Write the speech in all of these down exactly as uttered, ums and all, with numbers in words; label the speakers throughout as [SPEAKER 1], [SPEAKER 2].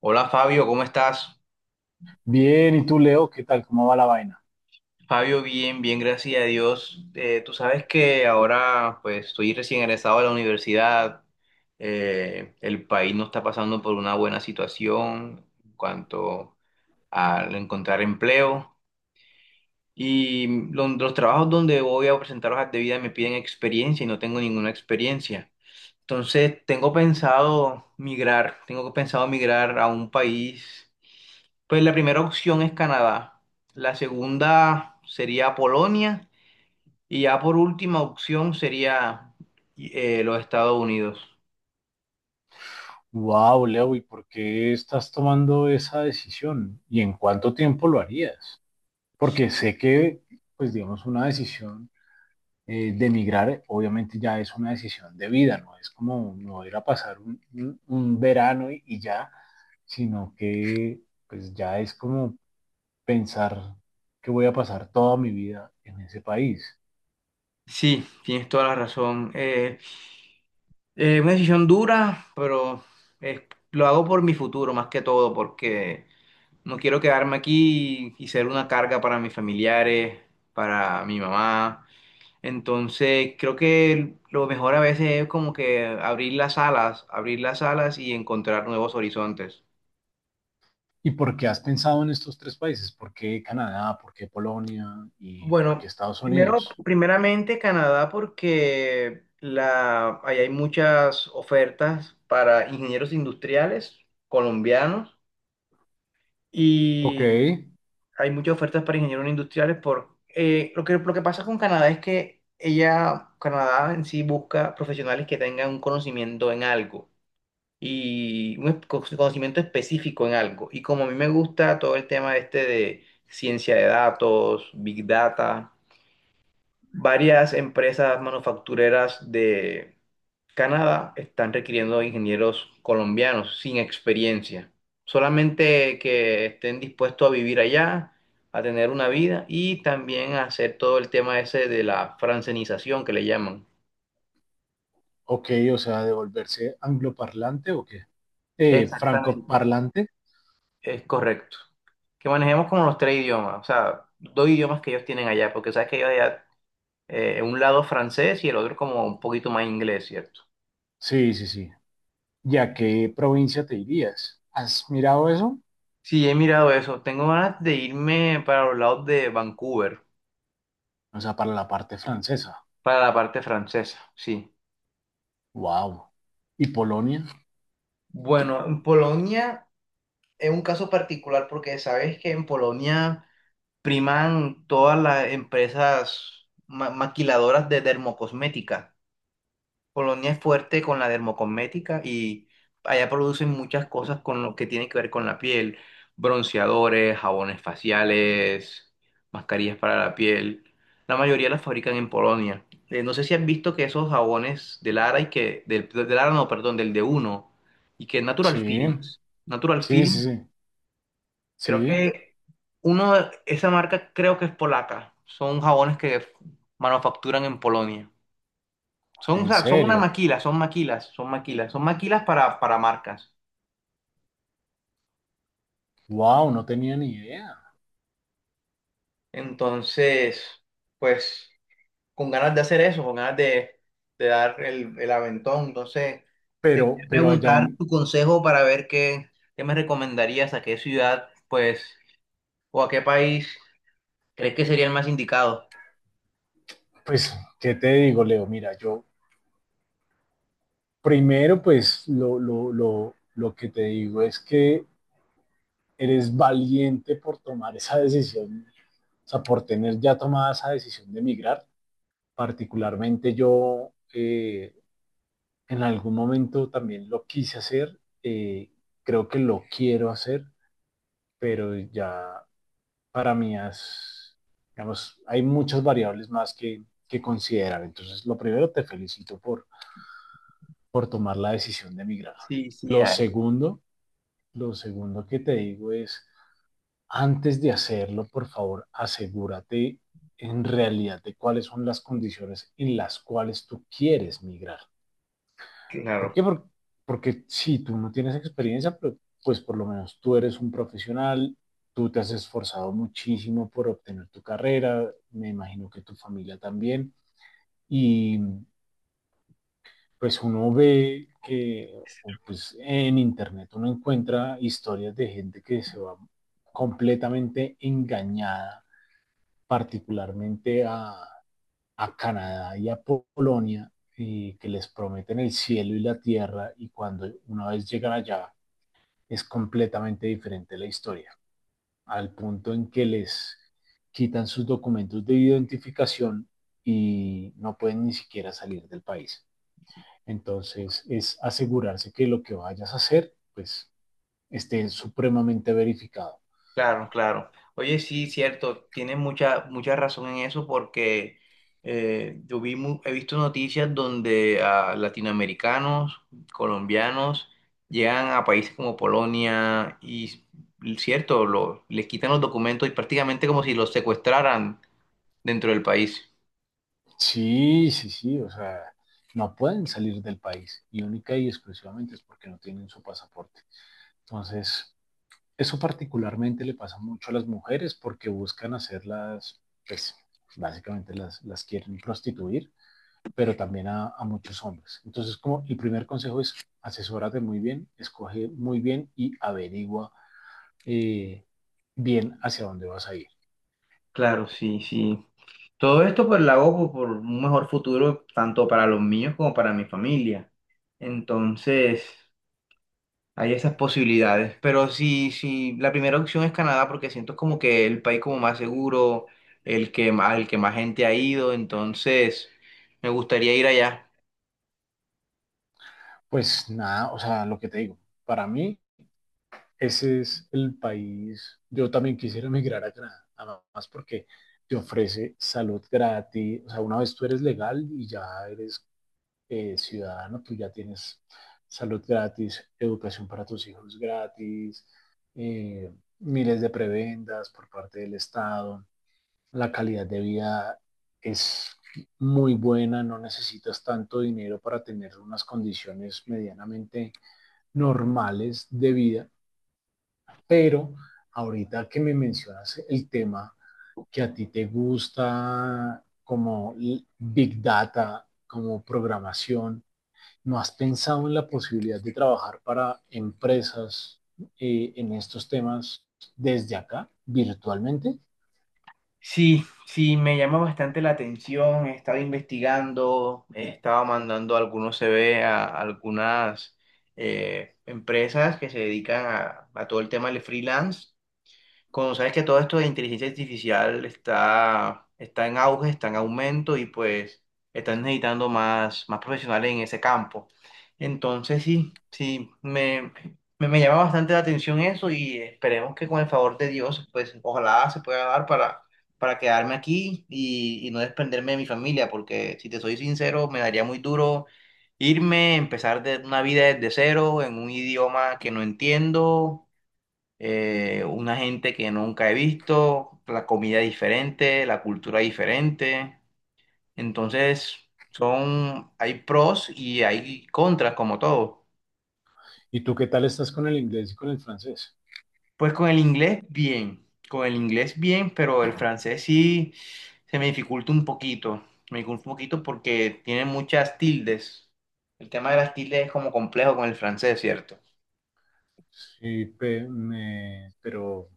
[SPEAKER 1] Hola Fabio, ¿cómo estás?
[SPEAKER 2] Bien, ¿y tú, Leo? ¿Qué tal? ¿Cómo va la vaina?
[SPEAKER 1] Fabio, bien, bien, gracias a Dios. Eh, tú sabes que ahora pues estoy recién egresado de la universidad. Eh, el país no está pasando por una buena situación en cuanto a encontrar empleo, y lo- los, trabajos donde voy a presentar hojas de vida me piden experiencia y no tengo ninguna experiencia. Entonces tengo pensado migrar, tengo pensado migrar a un país. Pues la primera opción es Canadá, la segunda sería Polonia, y ya por última opción sería eh, los Estados Unidos.
[SPEAKER 2] Wow, Leo, ¿y por qué estás tomando esa decisión? ¿Y en cuánto tiempo lo harías? Porque sé que, pues digamos, una decisión eh, de emigrar, obviamente ya es una decisión de vida, no es como no ir a pasar un, un- un verano y, y ya, sino que pues ya es como pensar que voy a pasar toda mi vida en ese país.
[SPEAKER 1] Sí, tienes toda la razón. Eh, eh, una decisión dura, pero eh, lo hago por mi futuro más que todo, porque no quiero quedarme aquí y, y ser una carga para mis familiares, para mi mamá. Entonces, creo que lo mejor a veces es como que abrir las alas, abrir las alas y encontrar nuevos horizontes.
[SPEAKER 2] ¿Y por qué has pensado en estos tres países? ¿Por qué Canadá? ¿Por qué Polonia? ¿Y por
[SPEAKER 1] Bueno,
[SPEAKER 2] qué Estados
[SPEAKER 1] primero,
[SPEAKER 2] Unidos?
[SPEAKER 1] primeramente Canadá porque la, ahí hay muchas ofertas para ingenieros industriales colombianos,
[SPEAKER 2] Ok,
[SPEAKER 1] y hay muchas ofertas para ingenieros industriales por eh, lo que, lo que pasa con Canadá es que ella, Canadá en sí busca profesionales que tengan un conocimiento en algo, y un es- conocimiento específico en algo. Y como a mí me gusta todo el tema este de ciencia de datos, big data. Varias empresas manufactureras de Canadá están requiriendo ingenieros colombianos sin experiencia, solamente que estén dispuestos a vivir allá, a tener una vida y también a hacer todo el tema ese de la francenización que le llaman.
[SPEAKER 2] ok, o sea, ¿de volverse angloparlante o qué? Eh,
[SPEAKER 1] Exactamente,
[SPEAKER 2] francoparlante.
[SPEAKER 1] es correcto. Que manejemos como los tres idiomas, o sea, dos idiomas que ellos tienen allá, porque sabes que ellos allá, eh, un lado francés y el otro como un poquito más inglés, ¿cierto?
[SPEAKER 2] Sí, sí, sí. ¿Y a qué provincia te irías? ¿Has mirado eso?
[SPEAKER 1] Sí, he mirado eso. Tengo ganas de irme para los lados de Vancouver,
[SPEAKER 2] O sea, para la parte francesa.
[SPEAKER 1] para la parte francesa, sí.
[SPEAKER 2] Wow. ¿Y Polonia?
[SPEAKER 1] Bueno, en Polonia es un caso particular porque sabes que en Polonia priman todas las empresas ma- maquiladoras de dermocosmética. Polonia es fuerte con la dermocosmética, y allá producen muchas cosas con lo que tiene que ver con la piel: bronceadores, jabones faciales, mascarillas para la piel. La mayoría las fabrican en Polonia. Eh, no sé si han visto que esos jabones de Lara y que del, de Lara no, perdón, del de Uno y que Natural
[SPEAKER 2] Sí,
[SPEAKER 1] Feelings, Natural
[SPEAKER 2] sí,
[SPEAKER 1] Feelings,
[SPEAKER 2] sí, sí.
[SPEAKER 1] creo
[SPEAKER 2] Sí,
[SPEAKER 1] que uno, esa marca creo que es polaca. Son jabones que manufacturan en Polonia. Son, o
[SPEAKER 2] en
[SPEAKER 1] sea, son una
[SPEAKER 2] serio.
[SPEAKER 1] maquila, son maquilas, son maquilas, son maquilas para, para marcas.
[SPEAKER 2] Wow, no tenía ni idea.
[SPEAKER 1] Entonces, pues, con ganas de hacer eso, con ganas de, de dar el, el aventón. Entonces, te quería
[SPEAKER 2] Pero, pero allá
[SPEAKER 1] preguntar
[SPEAKER 2] en,
[SPEAKER 1] tu consejo para ver qué, qué me recomendarías, a qué ciudad, pues, o a qué país crees que sería el más indicado.
[SPEAKER 2] pues, ¿qué te digo, Leo? Mira, yo, primero, pues lo, lo, lo, lo que te digo es que eres valiente por tomar esa decisión, o sea, por tener ya tomada esa decisión de emigrar. Particularmente yo, eh, en algún momento también lo quise hacer, eh, creo que lo quiero hacer, pero ya para mí es, digamos, hay muchas variables más que, que considerar. Entonces, lo primero, te felicito por, por tomar la decisión de emigrar.
[SPEAKER 1] Sí, sí,
[SPEAKER 2] Lo
[SPEAKER 1] a-
[SPEAKER 2] segundo, lo segundo que te digo es, antes de hacerlo, por favor, asegúrate en realidad de cuáles son las condiciones en las cuales tú quieres migrar. ¿Por
[SPEAKER 1] claro.
[SPEAKER 2] qué? Porque, porque si sí, tú no tienes experiencia, pues pues por lo menos tú eres un profesional, tú te has esforzado muchísimo por obtener tu carrera, me imagino que tu familia también, y pues uno ve que pues, en internet uno encuentra historias de gente que se va completamente engañada, particularmente a, a Canadá y a Polonia, y que les prometen el cielo y la tierra y cuando una vez llegan allá es completamente diferente la historia, al punto en que les quitan sus documentos de identificación y no pueden ni siquiera salir del país. Entonces, es asegurarse que lo que vayas a hacer, pues, esté supremamente verificado.
[SPEAKER 1] Claro, claro. Oye, sí, cierto, tienes mucha, mucha razón en eso porque eh, yo vi mu- he visto noticias donde ah, latinoamericanos, colombianos, llegan a países como Polonia y, y cierto, lo- les quitan los documentos y prácticamente como si los secuestraran dentro del país.
[SPEAKER 2] Sí, sí, sí, o sea, no pueden salir del país y única y exclusivamente es porque no tienen su pasaporte. Entonces, eso particularmente le pasa mucho a las mujeres porque buscan hacerlas, pues, básicamente las, las quieren prostituir, pero también a, a muchos hombres. Entonces, como el primer consejo es asesórate muy bien, escoge muy bien y averigua eh, bien hacia dónde vas a ir.
[SPEAKER 1] Claro, sí, sí. Todo esto pues lo hago por por un mejor futuro tanto para los míos como para mi familia. Entonces... Hay esas posibilidades, pero si, si la primera opción es Canadá, porque siento como que el país como más seguro, el que más, el que más gente ha ido, entonces me gustaría ir allá.
[SPEAKER 2] Pues nada, o sea, lo que te digo, para mí ese es el país, yo también quisiera emigrar a Canadá, además porque te ofrece salud gratis, o sea, una vez tú eres legal y ya eres eh, ciudadano, tú ya tienes salud gratis, educación para tus hijos gratis, eh, miles de prebendas por parte del Estado. La calidad de vida es muy buena, no necesitas tanto dinero para tener unas condiciones medianamente normales de vida, pero ahorita que me mencionas el tema que a ti te gusta como Big Data, como programación, ¿no has pensado en la posibilidad de trabajar para empresas eh, en estos temas desde acá, virtualmente?
[SPEAKER 1] Sí, sí, me llama bastante la atención, he estado investigando, he estado mandando algunos C V a algunas eh, empresas que se dedican a, a todo el tema del freelance, cuando sabes que todo esto de inteligencia artificial está, está en auge, está en aumento, y pues están necesitando más, más profesionales en ese campo. Entonces sí, sí, me, me, me llama bastante la atención eso, y esperemos que con el favor de Dios, pues ojalá se pueda dar para, para quedarme aquí y, y no desprenderme de mi familia, porque si te soy sincero, me daría muy duro irme, empezar de, una vida desde cero en un idioma que no entiendo, eh, una gente que nunca he visto, la comida diferente, la cultura diferente. Entonces, son, hay pros y hay contras, como todo.
[SPEAKER 2] ¿Y tú qué tal estás con el inglés y con el francés?
[SPEAKER 1] Pues con el inglés, bien, con el inglés, bien, pero el francés sí se me dificulta un poquito. Me dificulta un poquito porque tiene muchas tildes. El tema de las tildes es como complejo con el francés, ¿cierto?
[SPEAKER 2] Sí, pe- me- pero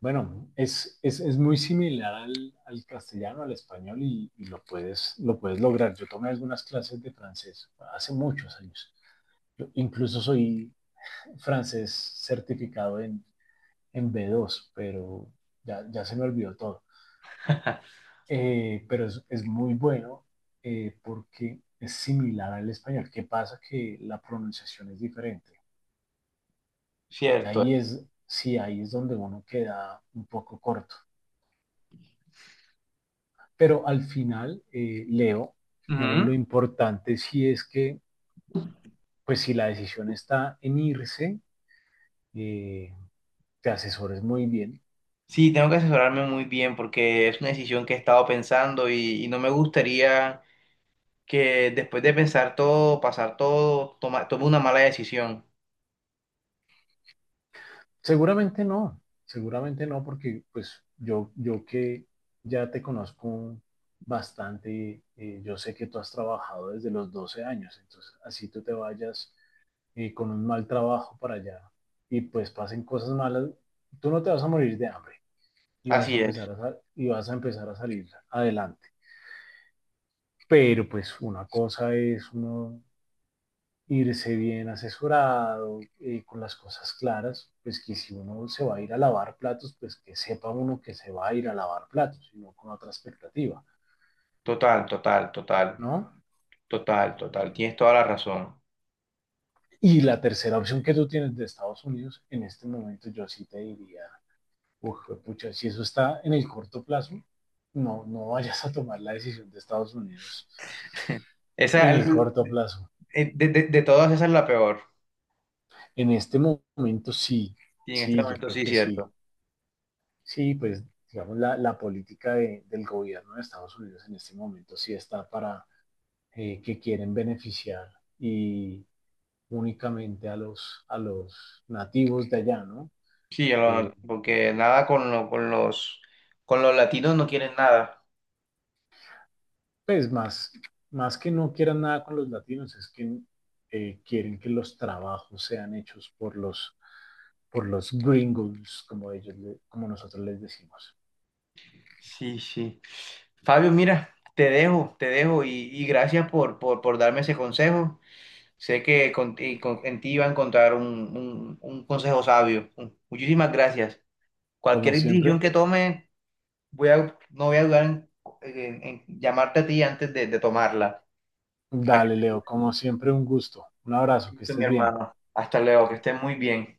[SPEAKER 2] bueno, es, es, es muy similar al, al castellano, al español y, y lo puedes, lo puedes lograr. Yo tomé algunas clases de francés hace muchos años. Yo incluso soy francés certificado en, en B dos, pero ya, ya se me olvidó todo. Eh, pero es, es muy bueno, eh, porque es similar al español. ¿Qué pasa? Que la pronunciación es diferente. Y
[SPEAKER 1] Cierto.
[SPEAKER 2] ahí es, sí, ahí es donde uno queda un poco corto. Pero al final, eh, Leo, digamos, lo
[SPEAKER 1] Ujú.
[SPEAKER 2] importante sí es que, pues si la decisión está en irse, eh, te asesores muy bien.
[SPEAKER 1] Sí, tengo que asesorarme muy bien porque es una decisión que he estado pensando, y, y no me gustaría que después de pensar todo, pasar todo, toma- tome una mala decisión.
[SPEAKER 2] Seguramente no, seguramente no, porque pues yo, yo que ya te conozco bastante, eh, yo sé que tú has trabajado desde los doce años, entonces así tú te vayas eh, con un mal trabajo para allá y pues pasen cosas malas, tú no te vas a morir de hambre y vas a
[SPEAKER 1] Así es.
[SPEAKER 2] empezar a, y vas a empezar a salir adelante. Pero pues una cosa es uno irse bien asesorado, eh, con las cosas claras, pues que si uno se va a ir a lavar platos, pues que sepa uno que se va a ir a lavar platos, y no con otra expectativa,
[SPEAKER 1] Total, total, total,
[SPEAKER 2] ¿no?
[SPEAKER 1] total, total. Tienes toda la razón.
[SPEAKER 2] Y la tercera opción que tú tienes de Estados Unidos, en este momento yo sí te diría, uff, pucha, si eso está en el corto plazo, no, no vayas a tomar la decisión de Estados Unidos
[SPEAKER 1] Esa,
[SPEAKER 2] en el
[SPEAKER 1] el-
[SPEAKER 2] corto plazo.
[SPEAKER 1] eh, de, de- De todas, esa es la peor.
[SPEAKER 2] En este momento sí,
[SPEAKER 1] Y en este
[SPEAKER 2] sí, yo
[SPEAKER 1] momento
[SPEAKER 2] creo
[SPEAKER 1] sí,
[SPEAKER 2] que sí.
[SPEAKER 1] cierto.
[SPEAKER 2] Sí, pues digamos, la, la política de- del gobierno de Estados Unidos en este momento sí está para eh, que quieren beneficiar y únicamente a los, a los nativos de allá, ¿no?
[SPEAKER 1] Sí, yo
[SPEAKER 2] Eh,
[SPEAKER 1] lo- porque nada con, lo- con los, con los latinos no quieren nada.
[SPEAKER 2] pues más, más que no quieran nada con los latinos, es que eh, quieren que los trabajos sean hechos por los, por los gringos, como ellos, le- como nosotros les decimos.
[SPEAKER 1] Sí, sí. Fabio, mira, te dejo, te dejo y, y gracias por, por, por darme ese consejo. Sé que con- y con- en ti iba a encontrar un, un- un consejo sabio. Muchísimas gracias.
[SPEAKER 2] Como
[SPEAKER 1] Cualquier decisión
[SPEAKER 2] siempre,
[SPEAKER 1] que tome, voy a, no voy a dudar en, en- en llamarte a ti antes de, de tomarla, para que
[SPEAKER 2] dale, Leo, como siempre, un gusto. Un
[SPEAKER 1] estés
[SPEAKER 2] abrazo, que
[SPEAKER 1] listo, mi
[SPEAKER 2] estés bien.
[SPEAKER 1] hermano. Hasta luego, que estés muy bien.